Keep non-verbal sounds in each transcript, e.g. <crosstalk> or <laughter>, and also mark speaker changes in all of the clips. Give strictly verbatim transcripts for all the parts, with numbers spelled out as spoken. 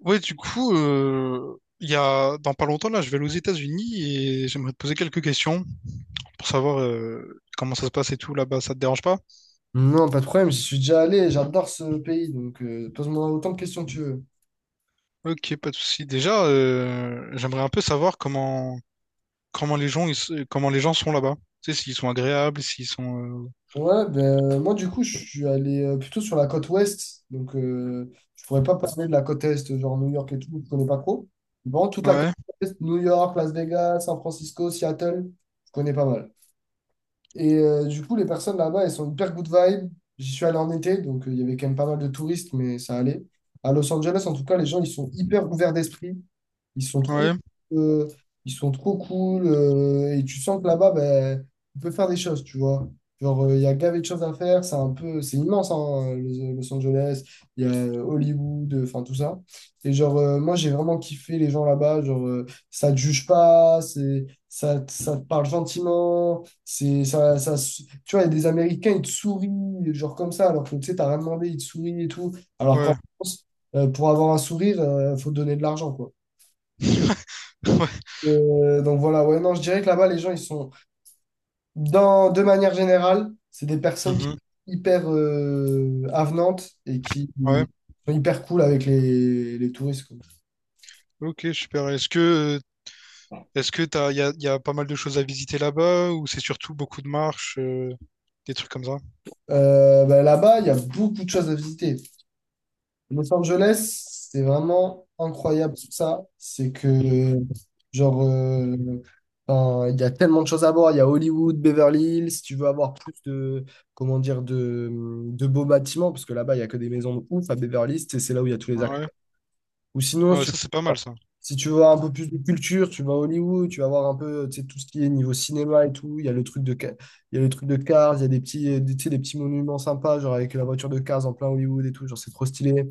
Speaker 1: Ouais, du coup, euh, il y a dans pas longtemps là, je vais aller aux États-Unis et j'aimerais te poser quelques questions pour savoir euh, comment ça se passe et tout là-bas. Ça te dérange pas?
Speaker 2: Non, pas de problème, j'y suis déjà allé, j'adore ce pays, donc euh, pose-moi autant de questions que tu veux.
Speaker 1: Ok, pas de souci. Déjà, euh, j'aimerais un peu savoir comment comment les gens ils se- comment les gens sont là-bas. Tu sais, s'ils sont agréables, s'ils sont
Speaker 2: Ouais, ben, euh, moi du coup, je suis allé euh, plutôt sur la côte ouest, donc euh, je pourrais pas parler de la côte est, genre New York et tout, je connais pas trop. Bon, toute la côte
Speaker 1: euh, ouais,
Speaker 2: est, New York, Las Vegas, San Francisco, Seattle, je connais pas mal. Et euh, du coup, les personnes là-bas, elles sont hyper good vibe. J'y suis allé en été, donc euh, il y avait quand même pas mal de touristes, mais ça allait. À Los Angeles, en tout cas, les gens, ils sont hyper ouverts d'esprit. Ils sont trop,
Speaker 1: ouais,
Speaker 2: euh, ils sont trop cool. Euh, et tu sens que là-bas, ben, on peut faire des choses, tu vois. Genre, euh, il y a gavé de choses à faire. C'est un peu, c'est immense, hein, Los Los Angeles. Il y a euh, Hollywood, euh, enfin tout ça. Et genre, euh, moi, j'ai vraiment kiffé les gens là-bas. Genre, euh, ça te juge pas, c'est, ça, ça te parle gentiment. C'est ça, ça, tu vois, il y a des Américains, ils te sourient, genre comme ça, alors que tu sais, t'as rien demandé, ils te sourient et tout. Alors qu'en
Speaker 1: ouais,
Speaker 2: France, euh, pour avoir un sourire, euh, faut donner de l'argent, quoi.
Speaker 1: <laughs> ouais,
Speaker 2: Euh, donc voilà, ouais, non, je dirais que là-bas, les gens, ils sont, dans, de manière générale, c'est des personnes qui
Speaker 1: mhm,
Speaker 2: sont hyper euh, avenantes et qui
Speaker 1: ouais.
Speaker 2: sont hyper cool avec les, les touristes, quoi.
Speaker 1: Ok, super. Est-ce que euh, est-ce que t'as il y a, y a pas mal de choses à visiter là-bas ou c'est surtout beaucoup de marches, euh, des trucs comme ça?
Speaker 2: Euh, bah, là-bas, il y a beaucoup de choses à visiter. Los Angeles, c'est vraiment incroyable sur ça. C'est que, genre, euh, enfin, il y a tellement de choses à voir. Il y a Hollywood, Beverly Hills. Si tu veux avoir plus de, comment dire, de, de beaux bâtiments, parce que là-bas, il y a que des maisons de ouf à Beverly Hills, et c'est là où il y a tous les
Speaker 1: Ouais.
Speaker 2: acteurs. Ou sinon, si
Speaker 1: Ouais,
Speaker 2: tu veux,
Speaker 1: ça c'est pas mal ça.
Speaker 2: si tu veux un peu plus de culture, tu vas à Hollywood, tu vas voir un peu, tu sais, tout ce qui est niveau cinéma et tout. Il y a le truc de, Ca- il y a le truc de Cars, il y a des petits, des, tu sais, des petits monuments sympas, genre avec la voiture de Cars en plein Hollywood et tout. Genre, c'est trop stylé.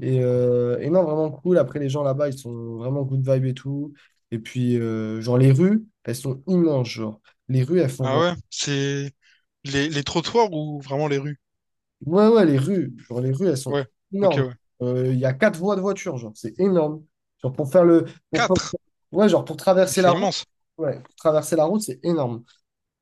Speaker 2: Et, euh, et non, vraiment cool. Après, les gens là-bas, ils sont vraiment good vibe et tout. Et puis, euh, genre, les rues, elles sont immenses, genre. Les rues, elles font
Speaker 1: Ah
Speaker 2: genre...
Speaker 1: ouais, c'est les, les trottoirs ou vraiment les rues?
Speaker 2: Ouais, ouais, les rues. Genre, les rues, elles sont
Speaker 1: Ouais, ok,
Speaker 2: énormes.
Speaker 1: ouais.
Speaker 2: Euh, Il y a quatre voies de voiture, genre. C'est énorme. Genre, pour faire le... Pour... pour-
Speaker 1: Quatre,
Speaker 2: Ouais, genre, pour
Speaker 1: mais
Speaker 2: traverser la
Speaker 1: c'est
Speaker 2: route.
Speaker 1: immense.
Speaker 2: Ouais, pour traverser la route, c'est énorme.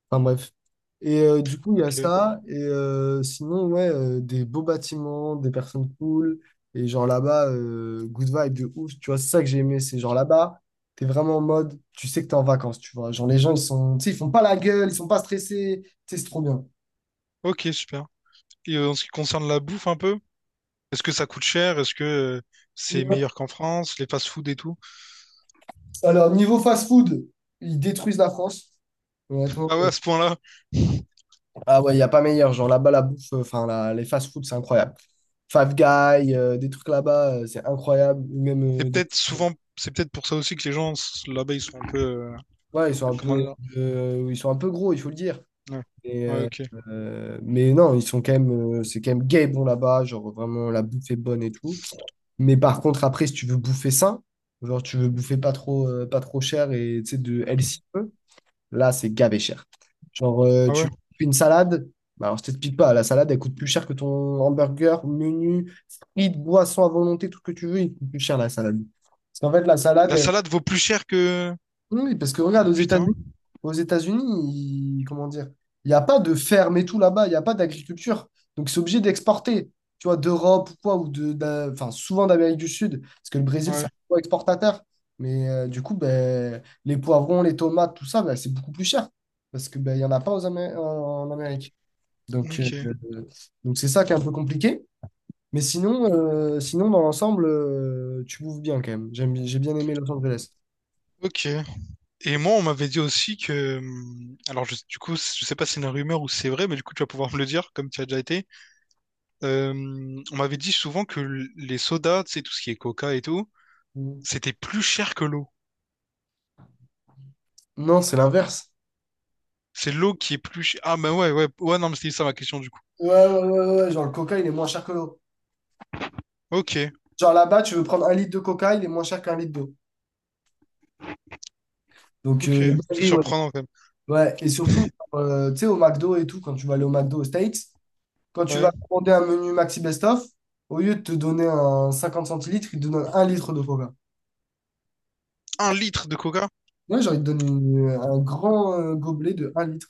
Speaker 2: Enfin bref. Et euh, du coup, il y a
Speaker 1: Ok,
Speaker 2: ça. Et euh, sinon, ouais, euh, des beaux bâtiments, des personnes cool. Et genre là-bas, euh, good vibe de ouf. Tu vois, c'est ça que j'ai aimé. C'est genre là-bas, t'es vraiment en mode, tu sais que t'es en vacances, tu vois. Genre les gens, ils sont, tu sais, ils font pas la gueule, ils sont pas stressés. Tu sais, c'est trop bien.
Speaker 1: ok, super. Et euh, en ce qui concerne la bouffe un peu, est-ce que ça coûte cher? Est-ce que euh, c'est
Speaker 2: Ouais.
Speaker 1: meilleur qu'en France, les fast-food et tout?
Speaker 2: Alors, niveau fast-food, ils détruisent la France. Honnêtement.
Speaker 1: Ah ouais,
Speaker 2: euh,
Speaker 1: à ce point-là,
Speaker 2: Ah ouais, il n'y a pas meilleur. Genre là-bas, la bouffe, euh, enfin, la- les fast-food, c'est incroyable. Five Guys, euh, des trucs là-bas, euh, c'est incroyable. Ou Même euh,
Speaker 1: c'est
Speaker 2: des
Speaker 1: peut-être
Speaker 2: trucs.
Speaker 1: souvent, c'est peut-être pour ça aussi que les gens s- là-bas ils sont un peu, euh,
Speaker 2: Ouais, ils sont un
Speaker 1: comment
Speaker 2: peu,
Speaker 1: dire?
Speaker 2: euh, ils sont un peu gros, il faut le dire.
Speaker 1: Ouais,
Speaker 2: Mais,
Speaker 1: ouais,
Speaker 2: euh,
Speaker 1: ok.
Speaker 2: euh, mais non, ils sont quand même, euh, c'est quand même gay bon là-bas, genre vraiment la bouffe est bonne et tout. Mais par contre, après, si tu veux bouffer sain, genre tu veux bouffer pas trop, euh, pas trop cher et tu sais, de
Speaker 1: Mhm.
Speaker 2: healthy peu, là, c'est gavé cher. Genre, euh,
Speaker 1: Ah
Speaker 2: tu
Speaker 1: ouais.
Speaker 2: fais une salade, bah, alors je t'explique pas, la salade, elle coûte plus cher que ton hamburger, menu, frites, boissons à volonté, tout ce que tu veux, il coûte plus cher la salade. Parce qu'en fait, la salade,
Speaker 1: La
Speaker 2: elle
Speaker 1: salade vaut plus cher que...
Speaker 2: oui, oui, parce que regarde, aux
Speaker 1: Putain,
Speaker 2: États-Unis, aux États-Unis, ils- comment dire, il n'y a pas de ferme et tout là-bas, il n'y a pas d'agriculture. Donc, c'est obligé d'exporter, tu vois, d'Europe ou quoi, ou de, d'un- enfin, souvent d'Amérique du Sud, parce que le Brésil, c'est
Speaker 1: ouais,
Speaker 2: un gros exportateur. Mais euh, du coup, ben, les poivrons, les tomates, tout ça, ben, c'est beaucoup plus cher, parce que ben, il n'y en a pas aux Amé- en, en Amérique. Donc, euh,
Speaker 1: ok,
Speaker 2: donc c'est ça qui est un peu compliqué. Mais sinon, euh, sinon dans l'ensemble, euh, tu bouffes bien quand même. J'aime, j'ai bien aimé Los Angeles.
Speaker 1: ok. Et moi, on m'avait dit aussi que, hum, alors je- du coup, je sais pas si c'est une rumeur ou si c'est vrai, mais du coup, tu vas pouvoir me le dire, comme tu as déjà été. Euh, on m'avait dit souvent que l- les sodas, tu sais, tout ce qui est coca et tout,
Speaker 2: Mm.
Speaker 1: c'était plus cher que l'eau.
Speaker 2: Non, c'est l'inverse.
Speaker 1: C'est l'eau qui est plus chère. Ah, ben ouais, ouais, ouais, non, mais c'était ça ma question du coup.
Speaker 2: Ouais, ouais, ouais, ouais, ouais, genre le coca, il est moins cher que l'eau.
Speaker 1: Ok,
Speaker 2: Genre là-bas, tu veux prendre un litre de coca, il est moins cher qu'un litre d'eau. Donc, euh,
Speaker 1: ok, c'est
Speaker 2: dinguerie, ouais.
Speaker 1: surprenant quand même.
Speaker 2: Ouais, et surtout, euh, tu sais, au McDo et tout, quand tu vas aller au McDo aux States, quand tu
Speaker 1: Ouais.
Speaker 2: vas commander un menu Maxi Best Of, au lieu de te donner un cinquante centilitres, ils te donnent un litre de coca.
Speaker 1: Un litre de coca?
Speaker 2: Moi, genre, ils te donnent une- un grand euh, gobelet de un litre.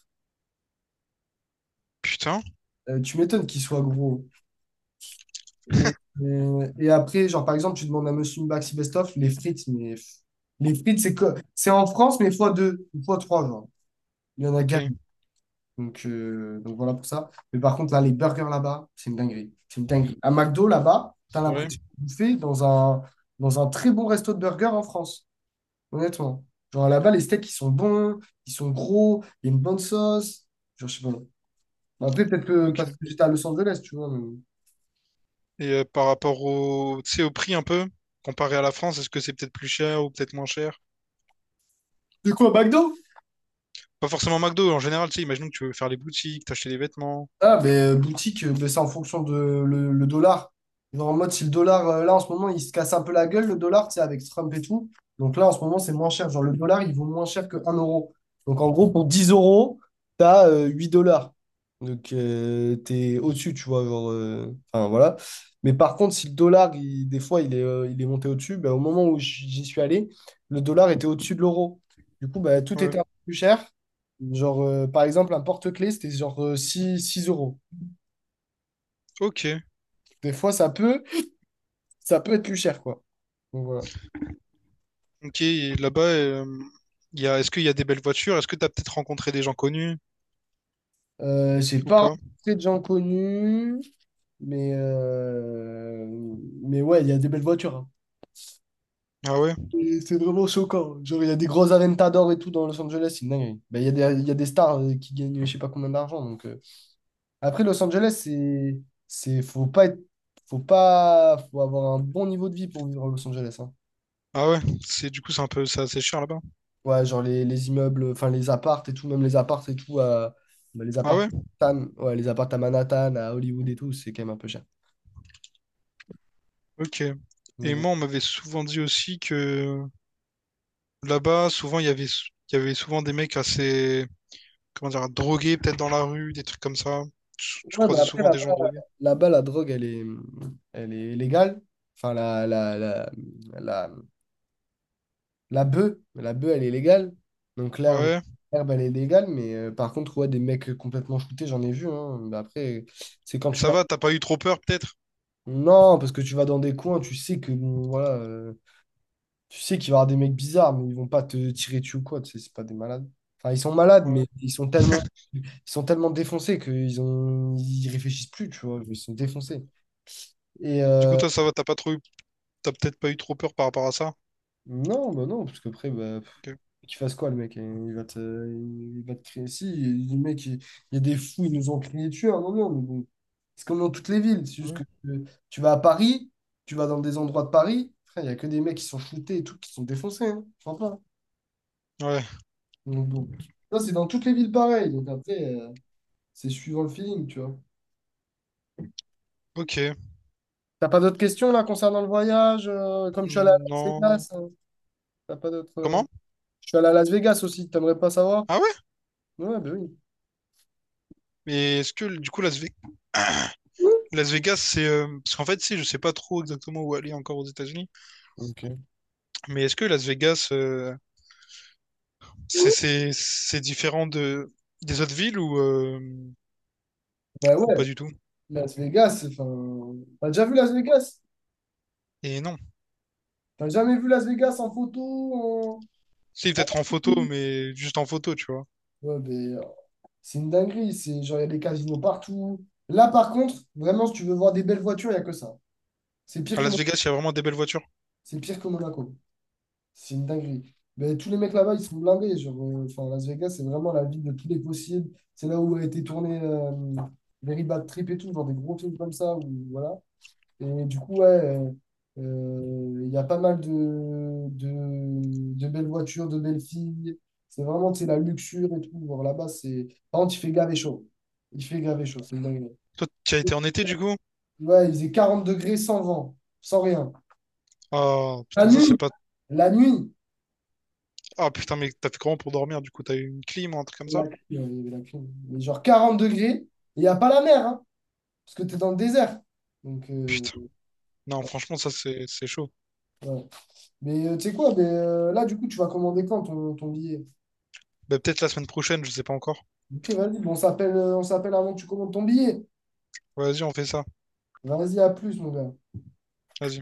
Speaker 1: Putain,
Speaker 2: Euh, tu m'étonnes qu'il soit gros. Et,
Speaker 1: <laughs>
Speaker 2: euh, et après, genre, par exemple, tu demandes à Monsieur Maxi Best Of les frites, mais pff, les frites, c'est co- c'est en France, mais fois deux, fois trois, genre. Il y en a gagne.
Speaker 1: ok,
Speaker 2: Donc, euh, donc voilà pour ça. Mais par contre, là, les burgers là-bas, c'est une dinguerie. C'est une dinguerie. À McDo, là-bas, t'as
Speaker 1: c'est vrai,
Speaker 2: l'impression de bouffer dans un, dans un très bon resto de burgers en France. Honnêtement. Genre là-bas, les steaks, ils sont bons, ils sont gros, il y a une bonne sauce. Genre, je sais pas. Bon, Après, peut-être que parce
Speaker 1: ok.
Speaker 2: que j'étais à Los Angeles, tu vois. Mais-
Speaker 1: Et euh, par rapport au, tu sais, au prix un peu, comparé à la France, est-ce que c'est peut-être plus cher ou peut-être moins cher?
Speaker 2: De quoi, McDo?
Speaker 1: Pas forcément McDo, en général, tu sais, imaginons que tu veux faire les boutiques, t'acheter des vêtements.
Speaker 2: Ah, ben, euh, boutique, euh, ben, c'est en fonction de le, le dollar. Genre, en mode, si le dollar, euh, là, en ce moment, il se casse un peu la gueule, le dollar, tu sais, avec Trump et tout. Donc là, en ce moment, c'est moins cher. Genre, le dollar, il vaut moins cher que un euro. Donc, en gros, pour dix euros, t'as as huit dollars. Donc, euh, t'es au-dessus, tu vois. Genre, euh, enfin, voilà. Mais par contre, si le dollar, il- des fois, il est, euh, il est monté au-dessus, ben, au moment où j'y suis allé, le dollar était au-dessus de l'euro. Du coup, ben, tout
Speaker 1: Ouais.
Speaker 2: était un peu plus cher. Genre, euh, par exemple, un porte-clés, c'était genre euh, six 6 euros.
Speaker 1: Ok,
Speaker 2: Des fois, ça peut, ça peut être plus cher, quoi. Donc, voilà.
Speaker 1: ok, et là-bas, euh, il y a, est-ce qu'il y a des belles voitures? Est-ce que t'as peut-être rencontré des gens connus
Speaker 2: Euh, j'ai
Speaker 1: ou
Speaker 2: pas
Speaker 1: pas?
Speaker 2: rencontré de gens connus, mais, euh, mais ouais, il y a des belles voitures, hein.
Speaker 1: Ah ouais,
Speaker 2: Et C'est vraiment choquant. Genre, il y a des gros Aventador et tout dans Los Angeles, c'est une dinguerie. Ben, il y a des, il y a des stars euh, qui gagnent je sais pas combien d'argent. Donc, euh. Après, Los Angeles, c'est, c'est, faut pas être, faut pas, faut avoir un bon niveau de vie pour vivre à Los Angeles, hein.
Speaker 1: ah ouais, c'est du coup c'est un peu c'est assez cher là-bas.
Speaker 2: Ouais, genre les, les immeubles, enfin les appartes et tout, même les appartes et tout, à, bah, les
Speaker 1: Ah
Speaker 2: appartes
Speaker 1: ouais,
Speaker 2: à Manhattan, ouais, les appartes à Manhattan, à Hollywood et tout, c'est quand même un peu cher.
Speaker 1: ok. Et
Speaker 2: Donc,
Speaker 1: moi, on m'avait souvent dit aussi que là-bas, souvent il y avait il y avait souvent des mecs assez comment dire drogués peut-être dans la rue, des trucs comme ça. Tu, tu
Speaker 2: voilà. ouais, mais
Speaker 1: croisais
Speaker 2: après,
Speaker 1: souvent des gens
Speaker 2: là-bas,
Speaker 1: drogués.
Speaker 2: là-bas, la drogue, elle est, elle est légale. Enfin, la, la, la, la, la bœuf, la bœuf, elle est légale. Donc,
Speaker 1: Ah
Speaker 2: l'herbe,
Speaker 1: ouais,
Speaker 2: l'herbe, elle est légale. Mais euh, par contre, ouais, des mecs complètement shootés, j'en ai vu, hein. Mais après, c'est quand
Speaker 1: mais
Speaker 2: tu
Speaker 1: ça
Speaker 2: vas.
Speaker 1: va, t'as pas eu trop peur peut-être?
Speaker 2: Non, parce que tu vas dans des coins, tu sais que, bon, voilà. euh, Tu sais qu'il va y avoir des mecs bizarres, mais ils vont pas te tirer dessus ou quoi, tu sais, c'est pas des malades. Enfin, ils sont malades,
Speaker 1: Ouais.
Speaker 2: mais ils sont tellement, ils sont tellement défoncés qu'ils ont, ils réfléchissent plus, tu vois, ils sont défoncés. Et
Speaker 1: Du coup,
Speaker 2: euh,
Speaker 1: toi, ça va, t'as pas trop eu, t'as peut-être pas eu trop peur par rapport à ça.
Speaker 2: non, bah non, parce qu'après, bah, pff,
Speaker 1: Ok.
Speaker 2: qu'il fasse quoi, le mec, hein? Il va te, il va te crier. Si, le mec, il, il y a des fous, ils nous ont crié dessus à un moment, mais bon. C'est comme dans toutes les villes, c'est juste
Speaker 1: Ouais.
Speaker 2: que euh, tu vas à Paris, tu vas dans des endroits de Paris, frère, il y a que des mecs qui sont shootés et tout, qui sont défoncés, hein, franchement.
Speaker 1: Ouais.
Speaker 2: Donc, bon. Ça, c'est dans toutes les villes pareilles. Donc après, euh, c'est suivant le feeling, tu vois.
Speaker 1: Ok.
Speaker 2: T'as pas d'autres questions là concernant le voyage? Euh, comme je suis allé à
Speaker 1: Hmm,
Speaker 2: Las
Speaker 1: non.
Speaker 2: Vegas, hein, t'as pas d'autres. euh,
Speaker 1: Comment?
Speaker 2: Je suis allé à Las Vegas aussi, t'aimerais pas savoir?
Speaker 1: Ah ouais?
Speaker 2: Ouais, ben oui.
Speaker 1: Mais est-ce que du coup Las Ve-
Speaker 2: Oui.
Speaker 1: Las Vegas, c'est euh, parce qu'en fait, si je sais pas trop exactement où aller encore aux États-Unis,
Speaker 2: Ok.
Speaker 1: mais est-ce que Las Vegas, euh, c'est c'est c'est différent de des autres villes ou euh,
Speaker 2: Ben
Speaker 1: ou
Speaker 2: ouais,
Speaker 1: pas du tout?
Speaker 2: Las Vegas, enfin. T'as déjà vu Las Vegas?
Speaker 1: Et non.
Speaker 2: T'as jamais vu Las Vegas en photo? en-
Speaker 1: Si peut-être en photo, mais juste en photo, tu vois.
Speaker 2: Ouais, ben, euh, c'est une dinguerie. C'est genre, il y a des casinos partout. Là, par contre, vraiment, si tu veux voir des belles voitures, il n'y a que ça. C'est pire
Speaker 1: À
Speaker 2: que
Speaker 1: Las
Speaker 2: Mon-
Speaker 1: Vegas, il y a vraiment des belles voitures.
Speaker 2: c'est pire que Monaco. C'est une dinguerie. Mais tous les mecs là-bas, ils sont blindés. Genre, euh, enfin, Las Vegas, c'est vraiment la ville de tous les possibles. C'est là où a été tourné euh, Very Bad Trip et tout, genre des gros films comme ça. Où, voilà. Et du coup, ouais, euh, euh, il y a pas mal de, de, de belles voitures, de belles filles. C'est vraiment, tu sais, la luxure et tout. Genre, là-bas, c'est... Par contre, il fait grave et chaud. Il fait grave et chaud, c'est une dinguerie.
Speaker 1: Toi, tu as été en été du coup?
Speaker 2: Ouais, il faisait quarante degrés sans vent, sans rien.
Speaker 1: Ah
Speaker 2: La
Speaker 1: putain, ça c'est
Speaker 2: nuit,
Speaker 1: pas.
Speaker 2: la nuit.
Speaker 1: Ah putain, mais t'as fait comment pour dormir? Du coup, t'as eu une clim ou un truc comme ça?
Speaker 2: La clim, ouais, il y avait la clim. Mais genre quarante degrés, et il n'y a pas la mer, hein, parce que tu es dans le désert. Donc, euh,
Speaker 1: Putain. Non, franchement, ça c'est c'est chaud.
Speaker 2: ouais. Mais euh, tu sais quoi, mais, euh, là, du coup, tu vas commander quand ton, ton billet?
Speaker 1: Bah, peut-être la semaine prochaine, je sais pas encore.
Speaker 2: Ok, vas-y, bon, on s'appelle euh, on s'appelle avant que tu commandes ton billet.
Speaker 1: Vas-y, on fait ça.
Speaker 2: Vas-y, à plus, mon gars.
Speaker 1: Vas-y.